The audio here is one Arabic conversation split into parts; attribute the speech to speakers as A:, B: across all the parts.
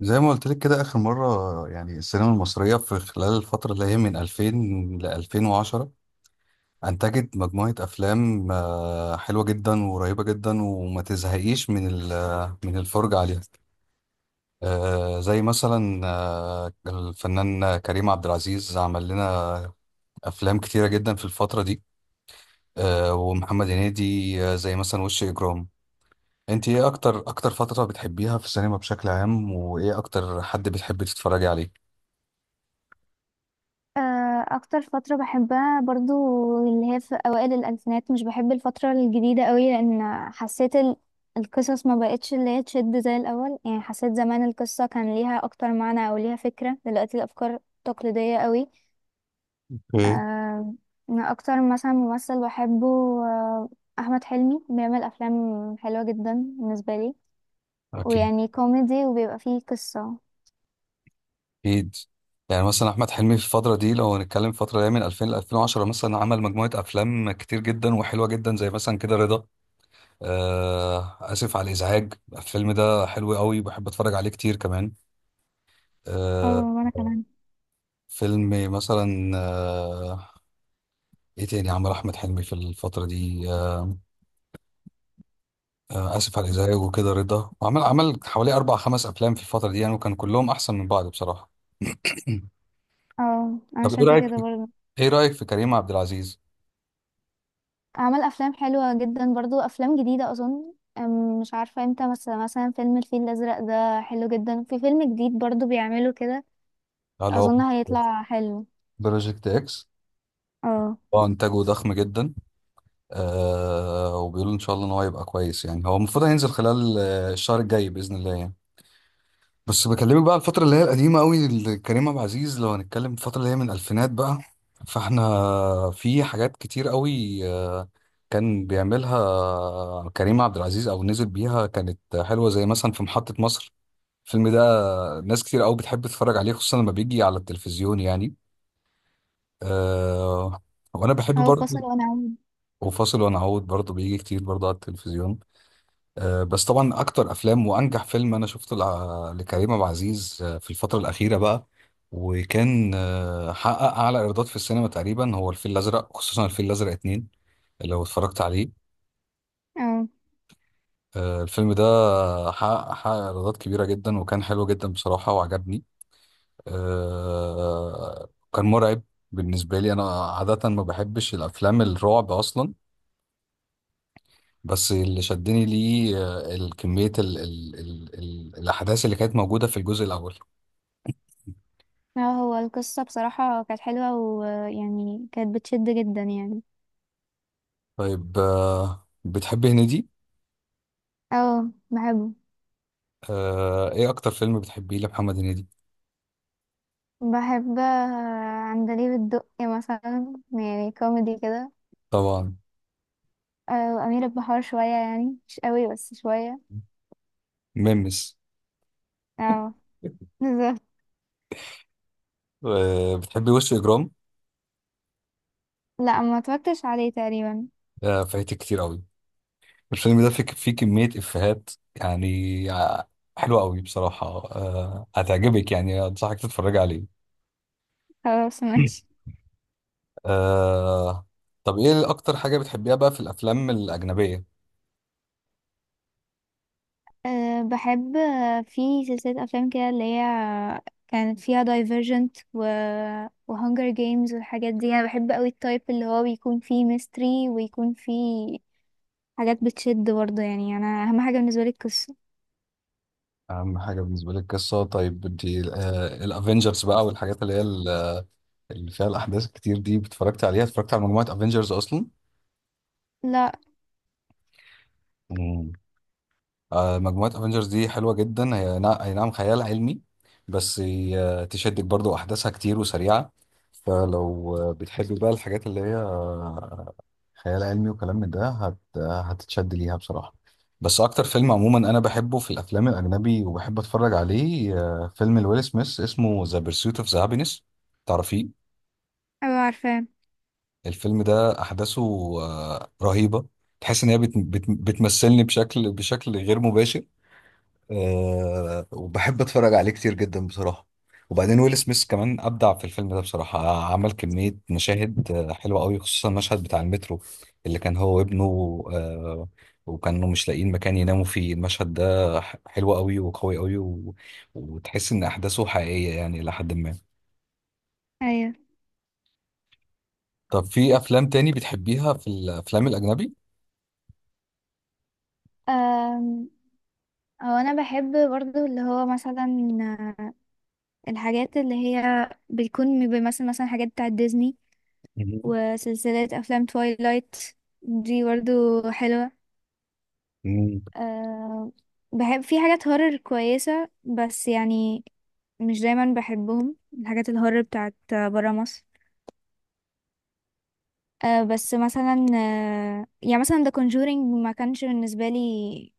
A: زي ما قلت لك كده آخر مرة، يعني السينما المصرية في خلال الفترة اللي هي من 2000 ل 2010 أنتجت مجموعة أفلام حلوة جدا وقريبة جدا وما تزهقيش من الفرجة عليها. زي مثلا الفنان كريم عبد العزيز عمل لنا أفلام كتيرة جدا في الفترة دي. ومحمد هنيدي. زي مثلا وش إجرام. أنت إيه أكتر فترة بتحبيها في السينما بشكل عام، وإيه أكتر حد بتحبي تتفرجي عليه؟
B: اكتر فترة بحبها برضو اللي هي في اوائل الالفينات. مش بحب الفترة الجديدة قوي، لان حسيت القصص ما بقتش اللي هي تشد زي الاول. يعني حسيت زمان القصة كان ليها اكتر معنى او ليها فكرة، دلوقتي الافكار تقليدية قوي.
A: ايه.
B: آه، انا اكتر مثلا ممثل بحبه، آه، احمد حلمي، بيعمل افلام حلوة جدا بالنسبة لي،
A: أكيد.
B: ويعني كوميدي وبيبقى فيه قصة.
A: اكيد. يعني مثلا احمد حلمي في الفتره دي، لو هنتكلم الفتره اللي هي من 2000 ل 2010، مثلا عمل مجموعه افلام كتير جدا وحلوه جدا، زي مثلا كده رضا. اسف على الازعاج. الفيلم ده حلو قوي، بحب اتفرج عليه كتير كمان.
B: اه،
A: آه
B: وانا كمان.
A: فيلم مثلا ايه تاني عمل احمد حلمي في الفتره دي. اسف على الازعاج. وكده رضا، وعمل حوالي اربع خمس افلام في الفتره دي يعني، وكان كلهم احسن من بعض بصراحه.
B: اه، انا
A: طب ايه
B: شايفة
A: رايك؟
B: كده برضو.
A: ايه رايك في كريم عبد العزيز؟
B: عمل افلام حلوه جدا برضو، افلام جديده اظن. مش عارفه امتى، بس مثلا فيلم الفيل الازرق ده حلو جدا، في فيلم جديد برضو بيعمله كده
A: اللي هو
B: اظن هيطلع حلو.
A: بروجكت اكس.
B: اه.
A: هو انتاجه ضخم جدا. وبيقولوا ان شاء الله ان هو هيبقى كويس، يعني هو المفروض هينزل خلال الشهر الجاي باذن الله يعني. بس بكلمك بقى على الفتره اللي هي القديمه قوي لكريم عبد العزيز، لو هنتكلم الفتره اللي هي من الالفينات بقى. فاحنا في حاجات كتير قوي كان بيعملها كريم عبد العزيز او نزل بيها، كانت حلوه، زي مثلا في محطه مصر. الفيلم ده ناس كتير قوي بتحب تتفرج عليه، خصوصا لما بيجي على التلفزيون يعني. آه وانا بحب
B: هو
A: برضه.
B: فاصل ونعود.
A: وفاصل ونعود برضه بيجي كتير برضه على التلفزيون. بس طبعا اكتر افلام وانجح فيلم انا شفته لكريم عبد العزيز في الفتره الاخيره بقى، وكان حقق اعلى ايرادات في السينما تقريبا، هو الفيل الازرق، خصوصا الفيل الازرق اتنين. لو اتفرجت عليه
B: اه.
A: الفيلم ده حقق ايرادات كبيره جدا، وكان حلو جدا بصراحه، وعجبني. كان مرعب. بالنسبه لي انا عاده ما بحبش الافلام الرعب اصلا، بس اللي شدني ليه الكمية، ال ال ال ال الأحداث اللي كانت موجودة في الجزء الأول.
B: اه، هو القصه بصراحه كانت حلوه، ويعني كانت بتشد جدا يعني.
A: طيب بتحبي هنيدي؟
B: اه، بحبه.
A: إيه أكتر فيلم بتحبيه لمحمد هنيدي؟
B: بحب عندليب الدقي مثلا، يعني كوميدي كده.
A: طبعا.
B: وأمير البحار شوية، يعني مش قوي بس شوية.
A: ميمس.
B: اه، بالظبط.
A: بتحبي وش إجرام؟
B: لا، ما اتفرجتش عليه تقريبا.
A: فايتك كتير أوي. الفيلم ده فيه كمية إفيهات يعني حلوة أوي بصراحة. هتعجبك، يعني أنصحك تتفرج عليه.
B: خلاص ماشي.
A: آه، طب إيه أكتر حاجة بتحبيها بقى في الأفلام الأجنبية؟
B: أه، بحب في سلسلة أفلام كده اللي هي كانت فيها دايفرجنت وهانجر جيمز والحاجات دي. أنا بحب قوي التايب اللي هو بيكون فيه ميستري، ويكون فيه حاجات بتشد برضه. يعني أنا أهم حاجة بالنسبة لي القصة.
A: اهم حاجه بالنسبه لك قصه. طيب انت الافنجرز بقى والحاجات اللي هي اللي فيها الاحداث الكتير دي، اتفرجت على مجموعه افنجرز اصلا؟
B: لا.
A: مم. مجموعة افنجرز دي حلوة جدا. هي اي نعم، خيال علمي، بس هي تشدك برضو، احداثها كتير وسريعة. فلو بتحبي بقى الحاجات اللي هي خيال علمي وكلام من ده، هتتشد ليها بصراحة. بس اكتر فيلم عموما انا بحبه في الافلام الاجنبي وبحب اتفرج عليه فيلم لويل سميث، اسمه ذا بيرسوت اوف ذا هابينس. تعرفيه؟
B: أبقى عارفاه.
A: الفيلم ده احداثه رهيبة. تحس ان هي بتمثلني بشكل غير مباشر. وبحب اتفرج عليه كتير جدا بصراحه. وبعدين ويل سميث كمان ابدع في الفيلم ده بصراحه، عمل كميه مشاهد حلوه قوي، خصوصا المشهد بتاع المترو اللي كان هو وابنه. أه وكانوا مش لاقيين مكان يناموا فيه. المشهد ده حلو قوي وقوي قوي وتحس ان احداثه حقيقيه يعني الى حد ما.
B: أيوه.
A: طب في افلام تاني بتحبيها في الافلام الاجنبي؟
B: أم، هو أنا بحب برضه اللي هو مثلا آه، الحاجات اللي هي بيكون بيمثل مثلا حاجات بتاعت ديزني،
A: مم.
B: وسلسلة أفلام تويلايت دي برضو حلوة. أه، بحب في حاجات هورر كويسة، بس يعني مش دايما بحبهم الحاجات الهورر بتاعت برا مصر. أه، بس مثلا أه، يعني مثلا The Conjuring ما كانش بالنسبة لي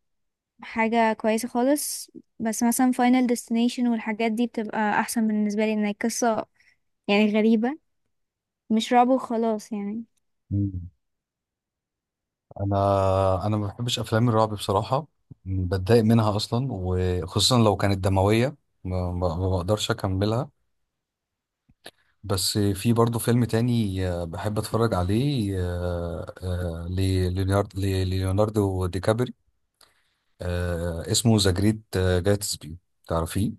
B: حاجة كويسة خالص. بس مثلا Final Destination والحاجات دي بتبقى أحسن بالنسبة لي، إن هي قصة يعني غريبة، مش رعب وخلاص يعني.
A: مم. انا ما بحبش افلام الرعب بصراحه، بتضايق منها اصلا، وخصوصا لو كانت دمويه. ما بقدرش اكملها. بس في برضو فيلم تاني بحب اتفرج عليه ليوناردو دي كابري، اسمه ذا جريت جاتسبي. تعرفيه؟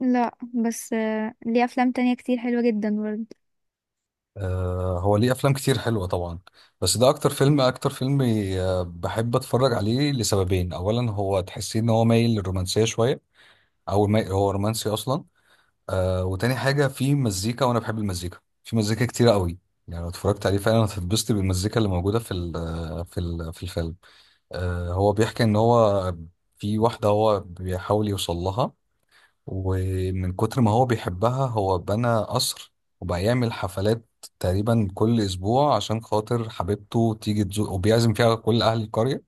B: لا، بس أه ليه أفلام تانية كتير حلوة جدا برضه.
A: هو ليه افلام كتير حلوه طبعا، بس ده اكتر فيلم، بحب اتفرج عليه لسببين. اولا، هو تحسيه ان هو مايل للرومانسيه شويه، او هو رومانسي اصلا. وتاني حاجة، في مزيكا وأنا بحب المزيكا، في مزيكا كتيرة قوي يعني، لو اتفرجت عليه فعلا هتتبسط بالمزيكا اللي موجودة في الفيلم. هو بيحكي إن هو في واحدة هو بيحاول يوصل لها، ومن كتر ما هو بيحبها هو بنى قصر، وبقى يعمل حفلات تقريبا كل أسبوع عشان خاطر حبيبته تيجي تزور، وبيعزم فيها كل أهل القرية،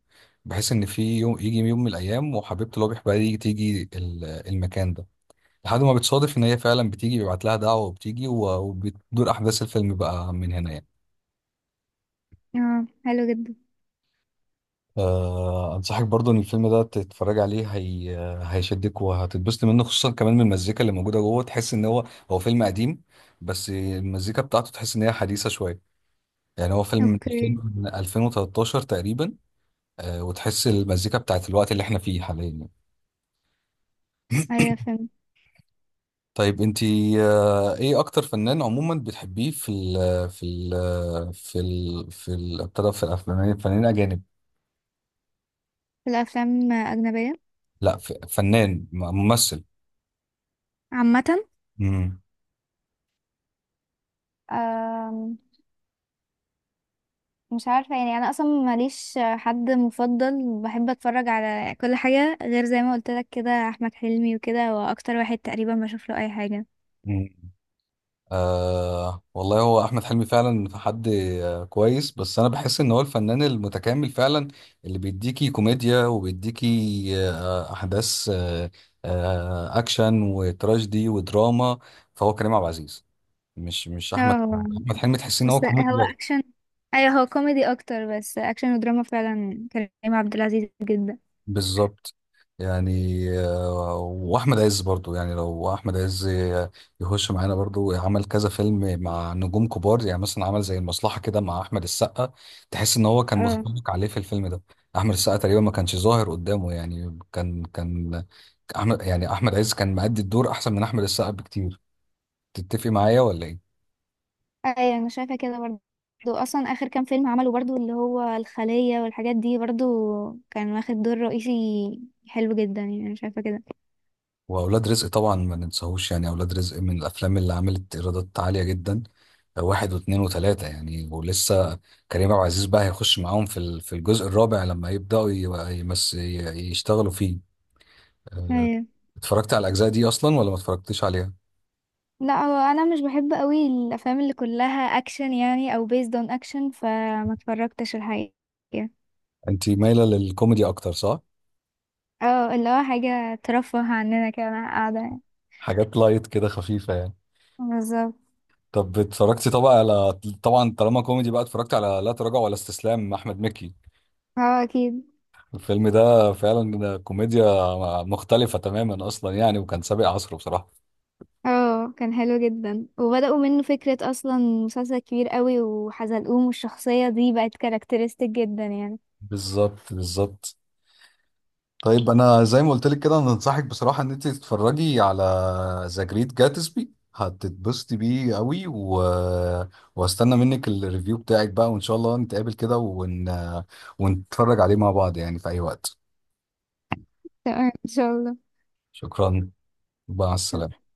A: بحيث إن في يوم، يجي يوم من الأيام، وحبيبته اللي هو بيحبها دي تيجي المكان ده. لحد ما بتصادف ان هي فعلا بتيجي، بيبعت لها دعوه وبتيجي، وبتدور احداث الفيلم بقى من هنا يعني.
B: اه، حلو جدا.
A: انصحك برضو ان الفيلم ده تتفرج عليه. هي هيشدك وهتتبسط منه، خصوصا كمان من المزيكا اللي موجوده جوه. تحس ان هو فيلم قديم، بس المزيكا بتاعته تحس ان هي حديثه شويه. يعني هو فيلم من 2000،
B: اوكي.
A: من 2013 تقريبا. وتحس المزيكا بتاعت الوقت اللي احنا فيه حاليا يعني.
B: ايوه، فهمت.
A: طيب انتي ايه اكتر فنان عموما بتحبيه في ال في ال في ال في ال ابتدى في الافلام، فنانين اجانب؟
B: الافلام اجنبيه
A: لا، فنان، ممثل.
B: عامة.
A: امم
B: أم، مش عارفة يعني، أنا أصلا ماليش حد مفضل، بحب أتفرج على كل حاجة. غير زي ما قلت لك كده أحمد حلمي، وكده هو أكتر واحد تقريبا بشوف له أي حاجة.
A: والله هو احمد حلمي فعلا حد كويس، بس انا بحس ان هو الفنان المتكامل فعلا، اللي بيديكي كوميديا وبيديكي احداث اكشن وتراجيدي ودراما. فهو كريم عبد العزيز، مش احمد.
B: اه، هو.
A: احمد حلمي تحسين ان هو
B: بس
A: كوميدي.
B: هو أكشن. أيوه، هو كوميدي أكتر بس أكشن ودراما فعلا كريم عبد العزيز جدا.
A: بالظبط. يعني واحمد عز برضو، يعني لو احمد عز يخش معانا برضو، عمل كذا فيلم مع نجوم كبار، يعني مثلا عمل زي المصلحة كده مع احمد السقا. تحس ان هو كان
B: اه.
A: متفوق عليه في الفيلم ده. احمد السقا تقريبا ما كانش ظاهر قدامه، يعني كان، احمد عز كان مأدي الدور احسن من احمد السقا بكتير. تتفق معايا ولا ايه؟
B: أيوه أنا شايفة كده برضه. أصلا آخر كام فيلم عمله برضه اللي هو الخلية والحاجات دي برضه كان واخد دور رئيسي حلو جدا، يعني أنا شايفة كده.
A: واولاد رزق طبعا ما ننساهوش، يعني اولاد رزق من الافلام اللي عملت ايرادات عاليه جدا، واحد واثنين وثلاثه يعني، ولسه كريم عبد العزيز بقى هيخش معاهم في الجزء الرابع لما يبداوا يشتغلوا فيه. أه،
B: أيوه.
A: اتفرجت على الاجزاء دي اصلا ولا ما اتفرجتيش عليها؟
B: لا، هو انا مش بحب قوي الافلام اللي كلها اكشن يعني او based on action، فما اتفرجتش الحقيقه.
A: انت مايله للكوميدي اكتر صح؟
B: اه، اللي هو حاجه ترفه عننا كده وانا قاعده يعني.
A: حاجات لايت كده خفيفه يعني.
B: بالظبط.
A: طب اتفرجتي طبعا على طبعا طالما كوميدي بقى، اتفرجت على لا تراجع ولا استسلام احمد مكي؟
B: اه، اكيد.
A: الفيلم ده فعلا كوميديا مختلفة تماما أصلا يعني، وكان سابق عصره بصراحة.
B: اه، كان حلو جدا وبداوا منه فكره اصلا مسلسل كبير قوي، وحزلقوم والشخصيه دي بقت كاركترستيك جدا يعني.
A: بالظبط، بالظبط. طيب أنا زي ما قلت لك كده، أنا أنصحك بصراحة إن أنت تتفرجي على ذا جريت جاتسبي، هتتبسطي بيه قوي واستنى منك الريفيو بتاعك بقى، وإن شاء الله نتقابل كده ونتفرج عليه مع بعض يعني في أي وقت.
B: تمام، ان شاء الله.
A: شكرا. مع
B: شكرا.
A: السلامة.